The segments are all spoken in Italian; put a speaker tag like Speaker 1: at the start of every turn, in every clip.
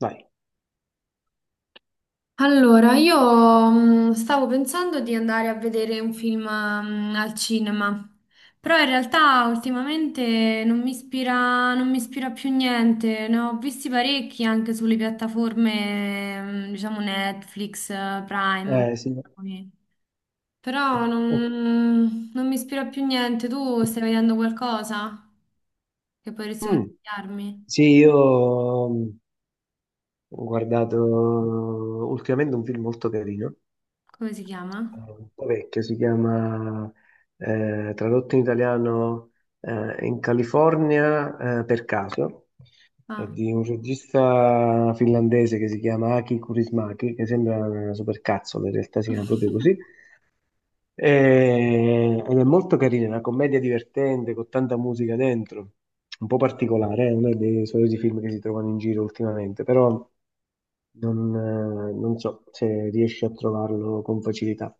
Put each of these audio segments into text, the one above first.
Speaker 1: Vai.
Speaker 2: Allora, io stavo pensando di andare a vedere un film al cinema, però in realtà ultimamente non mi ispira più niente. Ne ho visti parecchi anche sulle piattaforme, diciamo Netflix, Prime,
Speaker 1: Sì.
Speaker 2: ok. Però
Speaker 1: Eh,
Speaker 2: non mi ispira più niente. Tu stai vedendo qualcosa che potresti
Speaker 1: mm.
Speaker 2: consigliarmi?
Speaker 1: Sì, io ho guardato ultimamente un film molto carino,
Speaker 2: Come si chiama?
Speaker 1: un po' vecchio, si chiama, tradotto in italiano, In California, per caso, è
Speaker 2: Ah.
Speaker 1: di un regista finlandese che si chiama Aki Kaurismäki, che sembra una supercazzola, in realtà si chiama proprio così. Ed è molto carina, è una commedia divertente con tanta musica dentro, un po' particolare, è uno dei soliti film che si trovano in giro ultimamente, però non so se riesci a trovarlo con facilità.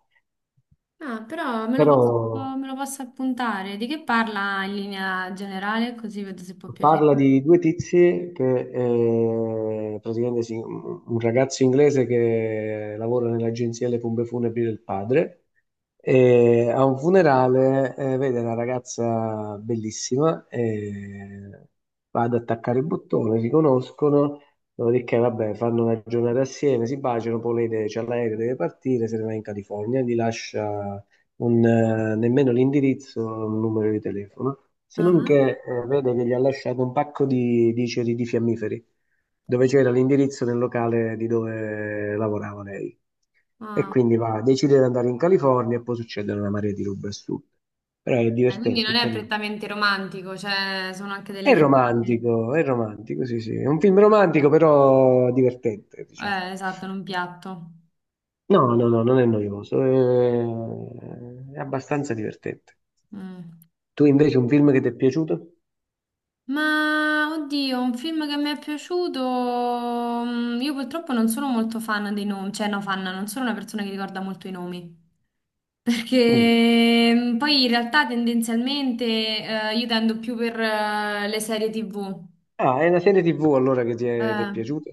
Speaker 2: Ah, però
Speaker 1: Però
Speaker 2: me lo posso appuntare. Di che parla in linea generale? Così vedo se può piacere.
Speaker 1: parla di due tizi che praticamente sì, un ragazzo inglese che lavora nell'agenzia delle pompe funebri del padre e a un funerale vede una ragazza bellissima e va ad attaccare il bottone, si conoscono. Dopodiché vabbè, fanno una giornata assieme, si baciano, poi lei c'ha l'aereo, deve partire, se ne va in California, gli lascia nemmeno l'indirizzo, un numero di telefono, se non
Speaker 2: Ah,
Speaker 1: che vedo che gli ha lasciato un pacco di ceri di fiammiferi, dove c'era l'indirizzo del locale di dove lavorava lei. E
Speaker 2: ah.
Speaker 1: quindi va, decide di andare in California e poi succedono una marea di robe assurde. Però è
Speaker 2: Quindi
Speaker 1: divertente,
Speaker 2: non
Speaker 1: è
Speaker 2: è
Speaker 1: carino.
Speaker 2: prettamente romantico, cioè sono anche delle dinamiche.
Speaker 1: È romantico, sì, sì. È un film romantico, però divertente, diciamo.
Speaker 2: Esatto, in un piatto.
Speaker 1: No, no, no, non è noioso, è abbastanza divertente.
Speaker 2: Mm.
Speaker 1: Tu invece un film che ti è piaciuto?
Speaker 2: Ma oddio, un film che mi è piaciuto. Io purtroppo non sono molto fan dei nomi, cioè no, fan, non sono una persona che ricorda molto i nomi.
Speaker 1: Mm.
Speaker 2: Perché poi in realtà tendenzialmente io tendo più per le serie TV.
Speaker 1: Ah, è una serie TV allora che ti è
Speaker 2: Eh,
Speaker 1: piaciuta?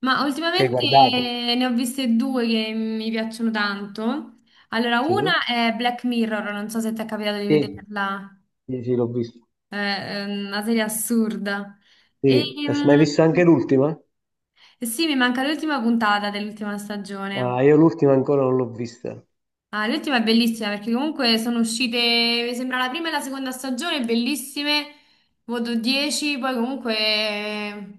Speaker 2: Ma
Speaker 1: Che hai
Speaker 2: ultimamente
Speaker 1: guardato?
Speaker 2: ne ho viste due che mi piacciono tanto. Allora,
Speaker 1: Sì.
Speaker 2: una è Black Mirror, non so se ti è capitato di
Speaker 1: Sì,
Speaker 2: vederla.
Speaker 1: sì, sì, l'ho vista.
Speaker 2: È una serie assurda. E,
Speaker 1: Sì. Ma hai
Speaker 2: mm,
Speaker 1: visto anche l'ultima?
Speaker 2: Sì, mi manca l'ultima puntata dell'ultima
Speaker 1: Ah,
Speaker 2: stagione.
Speaker 1: io l'ultima ancora non l'ho vista.
Speaker 2: Ah, l'ultima è bellissima perché comunque sono uscite, mi sembra la prima e la seconda stagione, bellissime, voto 10. Poi comunque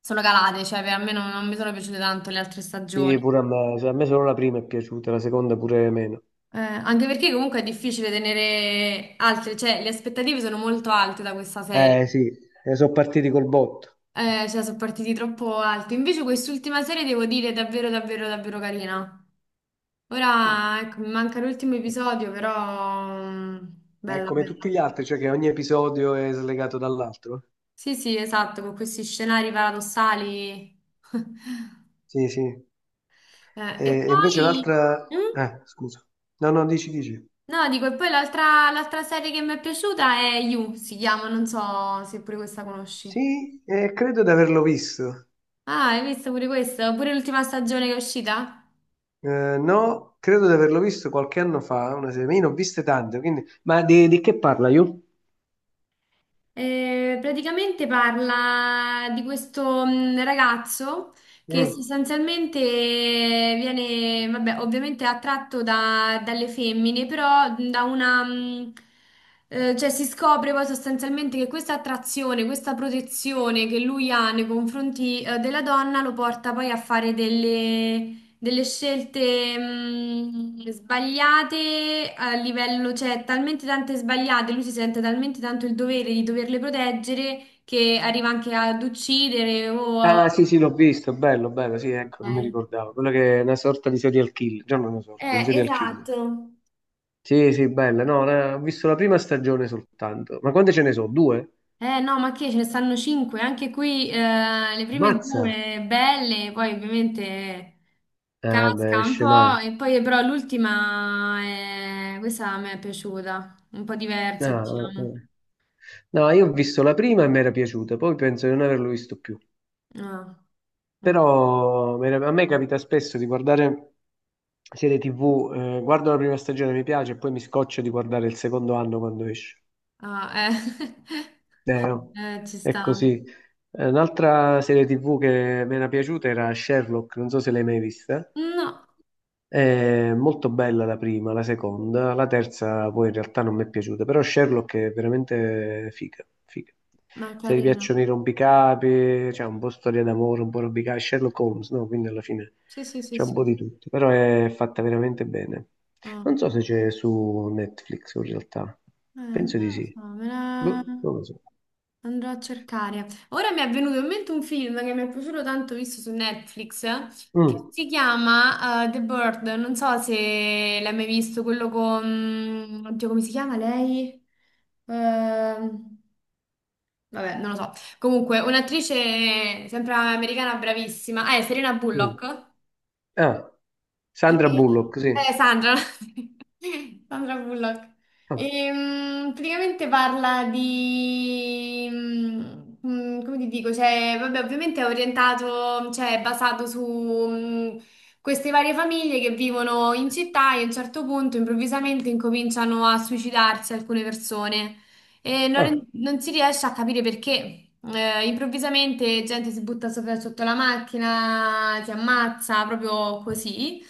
Speaker 2: sono calate, cioè per me non mi sono piaciute tanto le altre
Speaker 1: Sì,
Speaker 2: stagioni.
Speaker 1: pure a me, cioè, a me solo la prima è piaciuta, la seconda pure meno.
Speaker 2: Anche perché comunque è difficile tenere altre, cioè le aspettative sono molto alte da questa
Speaker 1: Eh
Speaker 2: serie.
Speaker 1: sì, sono partiti col botto.
Speaker 2: Cioè sono partiti troppo alti. Invece quest'ultima serie devo dire è davvero, davvero, davvero carina.
Speaker 1: Mm.
Speaker 2: Ora, ecco, mi manca l'ultimo episodio, però
Speaker 1: Ma è
Speaker 2: bella,
Speaker 1: come tutti gli
Speaker 2: bella.
Speaker 1: altri, cioè che ogni episodio è slegato dall'altro?
Speaker 2: Sì, sì, esatto, con questi scenari paradossali.
Speaker 1: Sì, sì. E
Speaker 2: E
Speaker 1: e invece
Speaker 2: poi.
Speaker 1: l'altra...
Speaker 2: Mm?
Speaker 1: Scusa. No, no, dici, dici.
Speaker 2: No, dico, e poi l'altra serie che mi è piaciuta è You, si chiama, non so se pure questa conosci.
Speaker 1: Sì, credo di averlo visto.
Speaker 2: Ah, hai visto pure questa? Pure l'ultima stagione che è uscita?
Speaker 1: No, credo di averlo visto qualche anno fa, una serie. Ma io ne ho viste tante, quindi... Ma di che parla io?
Speaker 2: Praticamente parla di questo ragazzo che
Speaker 1: Mm.
Speaker 2: sostanzialmente viene, vabbè, ovviamente attratto dalle femmine, però da una, cioè si scopre poi sostanzialmente che questa attrazione, questa protezione che lui ha nei confronti, della donna lo porta poi a fare delle scelte sbagliate a livello, cioè talmente tante sbagliate, lui si sente talmente tanto il dovere di doverle proteggere che arriva anche ad uccidere o
Speaker 1: Ah, sì, sì, l'ho visto, bello, bello, sì, ecco, non mi
Speaker 2: Eh,
Speaker 1: ricordavo. Quello che è una sorta di serial killer, già non una sorta, un serial killer.
Speaker 2: esatto.
Speaker 1: Sì, sì, bella, no, ho visto la prima stagione soltanto. Ma quante ce ne sono? Due?
Speaker 2: Eh no, ma che ce ne stanno cinque. Anche qui le prime
Speaker 1: Mazza!
Speaker 2: due belle, poi ovviamente
Speaker 1: Ah, beh,
Speaker 2: casca un
Speaker 1: scema.
Speaker 2: po', e poi però l'ultima, questa a me è piaciuta, un po'
Speaker 1: Ah,
Speaker 2: diversa,
Speaker 1: ah, ah.
Speaker 2: diciamo.
Speaker 1: No, io ho visto la prima e mi era piaciuta, poi penso di non averlo visto più.
Speaker 2: Ah, mm.
Speaker 1: Però a me capita spesso di guardare serie TV, guardo la prima stagione, mi piace, e poi mi scoccio di guardare il secondo anno quando esce.
Speaker 2: Ah, eh.
Speaker 1: No.
Speaker 2: Ci
Speaker 1: È
Speaker 2: sta.
Speaker 1: così. Un'altra serie TV che mi era piaciuta era Sherlock, non so se l'hai mai vista.
Speaker 2: No,
Speaker 1: È molto bella la prima, la seconda, la terza poi in realtà non mi è piaciuta, però Sherlock è veramente figa, figa.
Speaker 2: ma è
Speaker 1: Se ti piacciono i
Speaker 2: carino.
Speaker 1: rompicapi, c'è un po' storia d'amore, un po' rompicapi, Sherlock Holmes, no? Quindi alla fine
Speaker 2: Sì, sì, sì,
Speaker 1: c'è un
Speaker 2: sì.
Speaker 1: po' di tutto, però è fatta veramente bene.
Speaker 2: Ah.
Speaker 1: Non so se c'è su Netflix in realtà, penso di
Speaker 2: Non lo
Speaker 1: sì.
Speaker 2: so, me la
Speaker 1: Boh, non lo so.
Speaker 2: andrò a cercare. Ora mi è venuto in mente un film che mi è piaciuto tanto, visto su Netflix, che
Speaker 1: Mm,
Speaker 2: si chiama The Bird. Non so se l'hai mai visto, quello con, oddio, come si chiama lei? Ehm, Vabbè, non lo so. Comunque, un'attrice sempre americana bravissima. Ah, è Serena
Speaker 1: mm.
Speaker 2: Bullock.
Speaker 1: Ah, Sandra
Speaker 2: Eh,
Speaker 1: Bullock, sì.
Speaker 2: Sandra. Sandra Bullock.
Speaker 1: Ah,
Speaker 2: Praticamente parla di come ti dico? Cioè, vabbè, ovviamente è orientato, cioè è basato su mm, queste varie famiglie che vivono in città e a un certo punto improvvisamente incominciano a suicidarsi alcune persone. E non,
Speaker 1: ah.
Speaker 2: non si riesce a capire perché improvvisamente gente si butta sotto la macchina, si ammazza proprio così.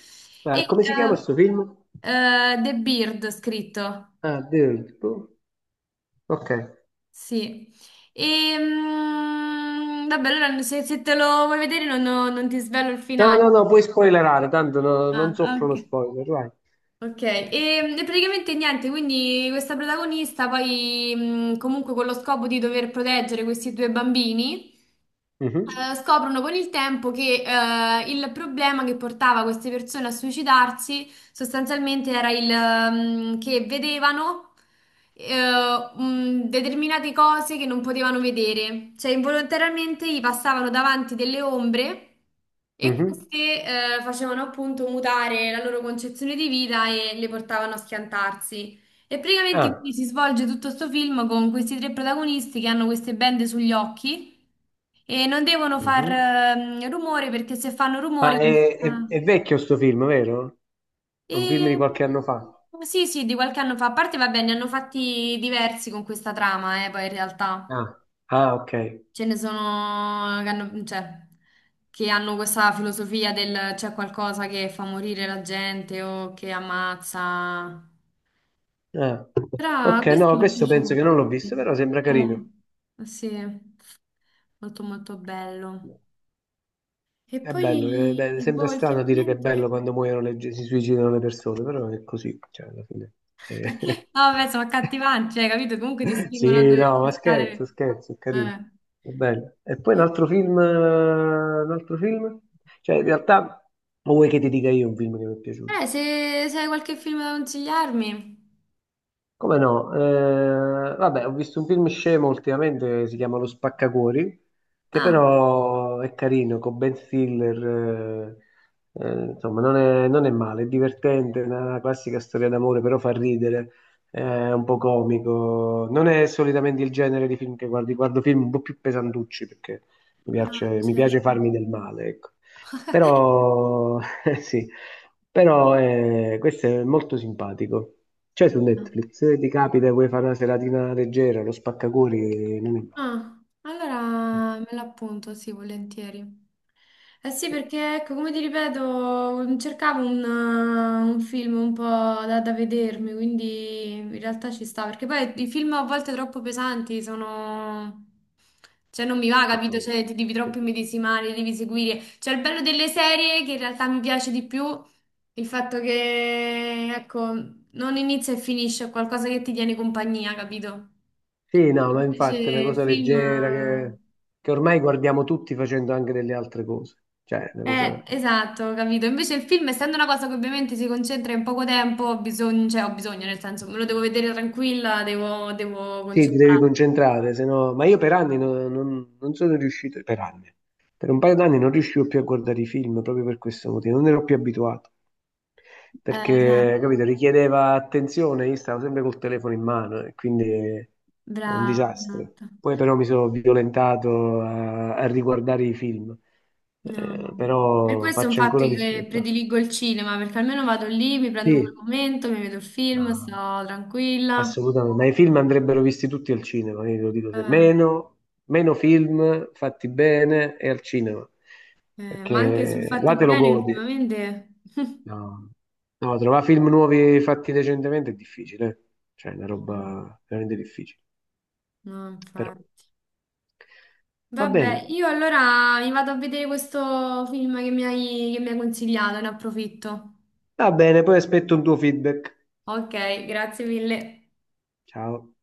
Speaker 2: E
Speaker 1: Ah, come si chiama
Speaker 2: eh,
Speaker 1: questo film?
Speaker 2: The Beard scritto,
Speaker 1: Ah, Dirt. Boh. Ok.
Speaker 2: sì. Vabbè, allora se te lo vuoi vedere non ti svelo il
Speaker 1: No,
Speaker 2: finale.
Speaker 1: no, no, puoi spoilerare, tanto non
Speaker 2: Ah,
Speaker 1: soffro lo
Speaker 2: ok.
Speaker 1: spoiler, vai.
Speaker 2: Ok, e praticamente niente, quindi questa protagonista poi comunque con lo scopo di dover proteggere questi due bambini
Speaker 1: Mhm,
Speaker 2: scoprono con il tempo che il problema che portava queste persone a suicidarsi sostanzialmente era il che vedevano determinate cose che non potevano vedere, cioè involontariamente gli passavano davanti delle ombre e
Speaker 1: mhm.
Speaker 2: queste facevano appunto mutare la loro concezione di vita e le portavano a schiantarsi. E praticamente quindi
Speaker 1: Ah,
Speaker 2: si svolge tutto questo film con questi tre protagonisti che hanno queste bende sugli occhi e non devono far
Speaker 1: mhm.
Speaker 2: rumore perché se fanno
Speaker 1: Ah,
Speaker 2: rumore
Speaker 1: è vecchio sto film, vero? È un film
Speaker 2: E...
Speaker 1: di qualche anno fa.
Speaker 2: Sì, sì, di qualche anno fa. A parte, va bene, ne hanno fatti diversi con questa trama, poi in realtà
Speaker 1: Ah, ah, ok.
Speaker 2: ce ne sono che hanno, cioè, che hanno questa filosofia del c'è qualcosa che fa morire la gente o che ammazza.
Speaker 1: Ah.
Speaker 2: Però
Speaker 1: Ok, no,
Speaker 2: questo mi è
Speaker 1: questo penso
Speaker 2: piaciuto.
Speaker 1: che non l'ho visto, però sembra carino.
Speaker 2: Eh sì, molto molto bello. E
Speaker 1: È bello,
Speaker 2: poi,
Speaker 1: sembra
Speaker 2: boh,
Speaker 1: strano dire che è
Speaker 2: ultimamente.
Speaker 1: bello quando muoiono le, si suicidano le persone, però è così, cioè, alla fine. Eh,
Speaker 2: No, vabbè, sono accattivanti, cioè, capito? Comunque ti spingono a
Speaker 1: Sì,
Speaker 2: dover
Speaker 1: no, ma
Speaker 2: cercare.
Speaker 1: scherzo, scherzo, è carino,
Speaker 2: Eh,
Speaker 1: è bello. E poi un altro film, un altro film? Cioè, in realtà, o vuoi che ti dica io un film che mi è piaciuto?
Speaker 2: se hai qualche film da consigliarmi.
Speaker 1: Come no? Vabbè, ho visto un film scemo ultimamente, si chiama Lo Spaccacuori, che
Speaker 2: Ah,
Speaker 1: però è carino, con Ben Stiller, insomma, non è male, è divertente, è una classica storia d'amore, però fa ridere, è un po' comico. Non è solitamente il genere di film che guardo film un po' più pesantucci, perché
Speaker 2: ah,
Speaker 1: mi piace
Speaker 2: certo.
Speaker 1: farmi del male, ecco. Però, sì, però questo è molto simpatico. C'è su Netflix, se ti capita e vuoi fare una seratina leggera, lo spaccacori non è male.
Speaker 2: Ah, allora me l'appunto, sì, volentieri. Eh sì,
Speaker 1: Eh,
Speaker 2: perché ecco, come ti ripeto, cercavo un film un po' da vedermi, quindi in realtà ci sta, perché poi i film a volte troppo pesanti sono. Cioè non mi va, capito?
Speaker 1: no.
Speaker 2: Cioè ti devi troppo immedesimare, li devi seguire. Cioè il bello delle serie, che in realtà mi piace di più, il fatto che, ecco, non inizia e finisce, è qualcosa che ti tiene compagnia, capito?
Speaker 1: Sì, no, ma
Speaker 2: Invece
Speaker 1: infatti è una
Speaker 2: il
Speaker 1: cosa leggera
Speaker 2: film.
Speaker 1: che ormai guardiamo tutti facendo anche delle altre cose. Cioè, è una cosa...
Speaker 2: Esatto, capito. Invece il film, essendo una cosa che ovviamente si concentra in poco tempo, ho bisogno, cioè ho bisogno, nel senso, me lo devo vedere tranquilla, devo
Speaker 1: Sì, ti devi
Speaker 2: concentrarmi.
Speaker 1: concentrare, se no... Ma io per anni non sono riuscito, per anni, per un paio d'anni non riuscivo più a guardare i film proprio per questo motivo, non ero più abituato,
Speaker 2: Esatto,
Speaker 1: perché, capito, richiedeva attenzione, io stavo sempre col telefono in mano e quindi è un
Speaker 2: brava,
Speaker 1: disastro.
Speaker 2: esatto.
Speaker 1: Poi però mi sono violentato a riguardare i film.
Speaker 2: No, no. Per
Speaker 1: Però
Speaker 2: questo è un
Speaker 1: faccio
Speaker 2: fatto
Speaker 1: ancora
Speaker 2: che
Speaker 1: difficoltà.
Speaker 2: prediligo il cinema, perché almeno vado lì, mi prendo quel
Speaker 1: Sì,
Speaker 2: momento, mi vedo il film,
Speaker 1: ma-
Speaker 2: sto tranquilla.
Speaker 1: assolutamente, ma i film andrebbero visti tutti al cinema, io te lo dico sempre.
Speaker 2: Eh,
Speaker 1: Meno film fatti bene e al cinema,
Speaker 2: ma anche sul
Speaker 1: perché là
Speaker 2: fatti
Speaker 1: te lo
Speaker 2: bene
Speaker 1: godi.
Speaker 2: ultimamente.
Speaker 1: No, no, trovare film nuovi fatti recentemente è difficile, eh, cioè è una
Speaker 2: Eh,
Speaker 1: roba veramente difficile,
Speaker 2: No,
Speaker 1: però
Speaker 2: infatti.
Speaker 1: va bene,
Speaker 2: Vabbè, io allora mi vado a vedere questo film che mi hai consigliato, ne approfitto.
Speaker 1: va bene, poi aspetto un tuo feedback.
Speaker 2: Ok, grazie mille.
Speaker 1: Ciao.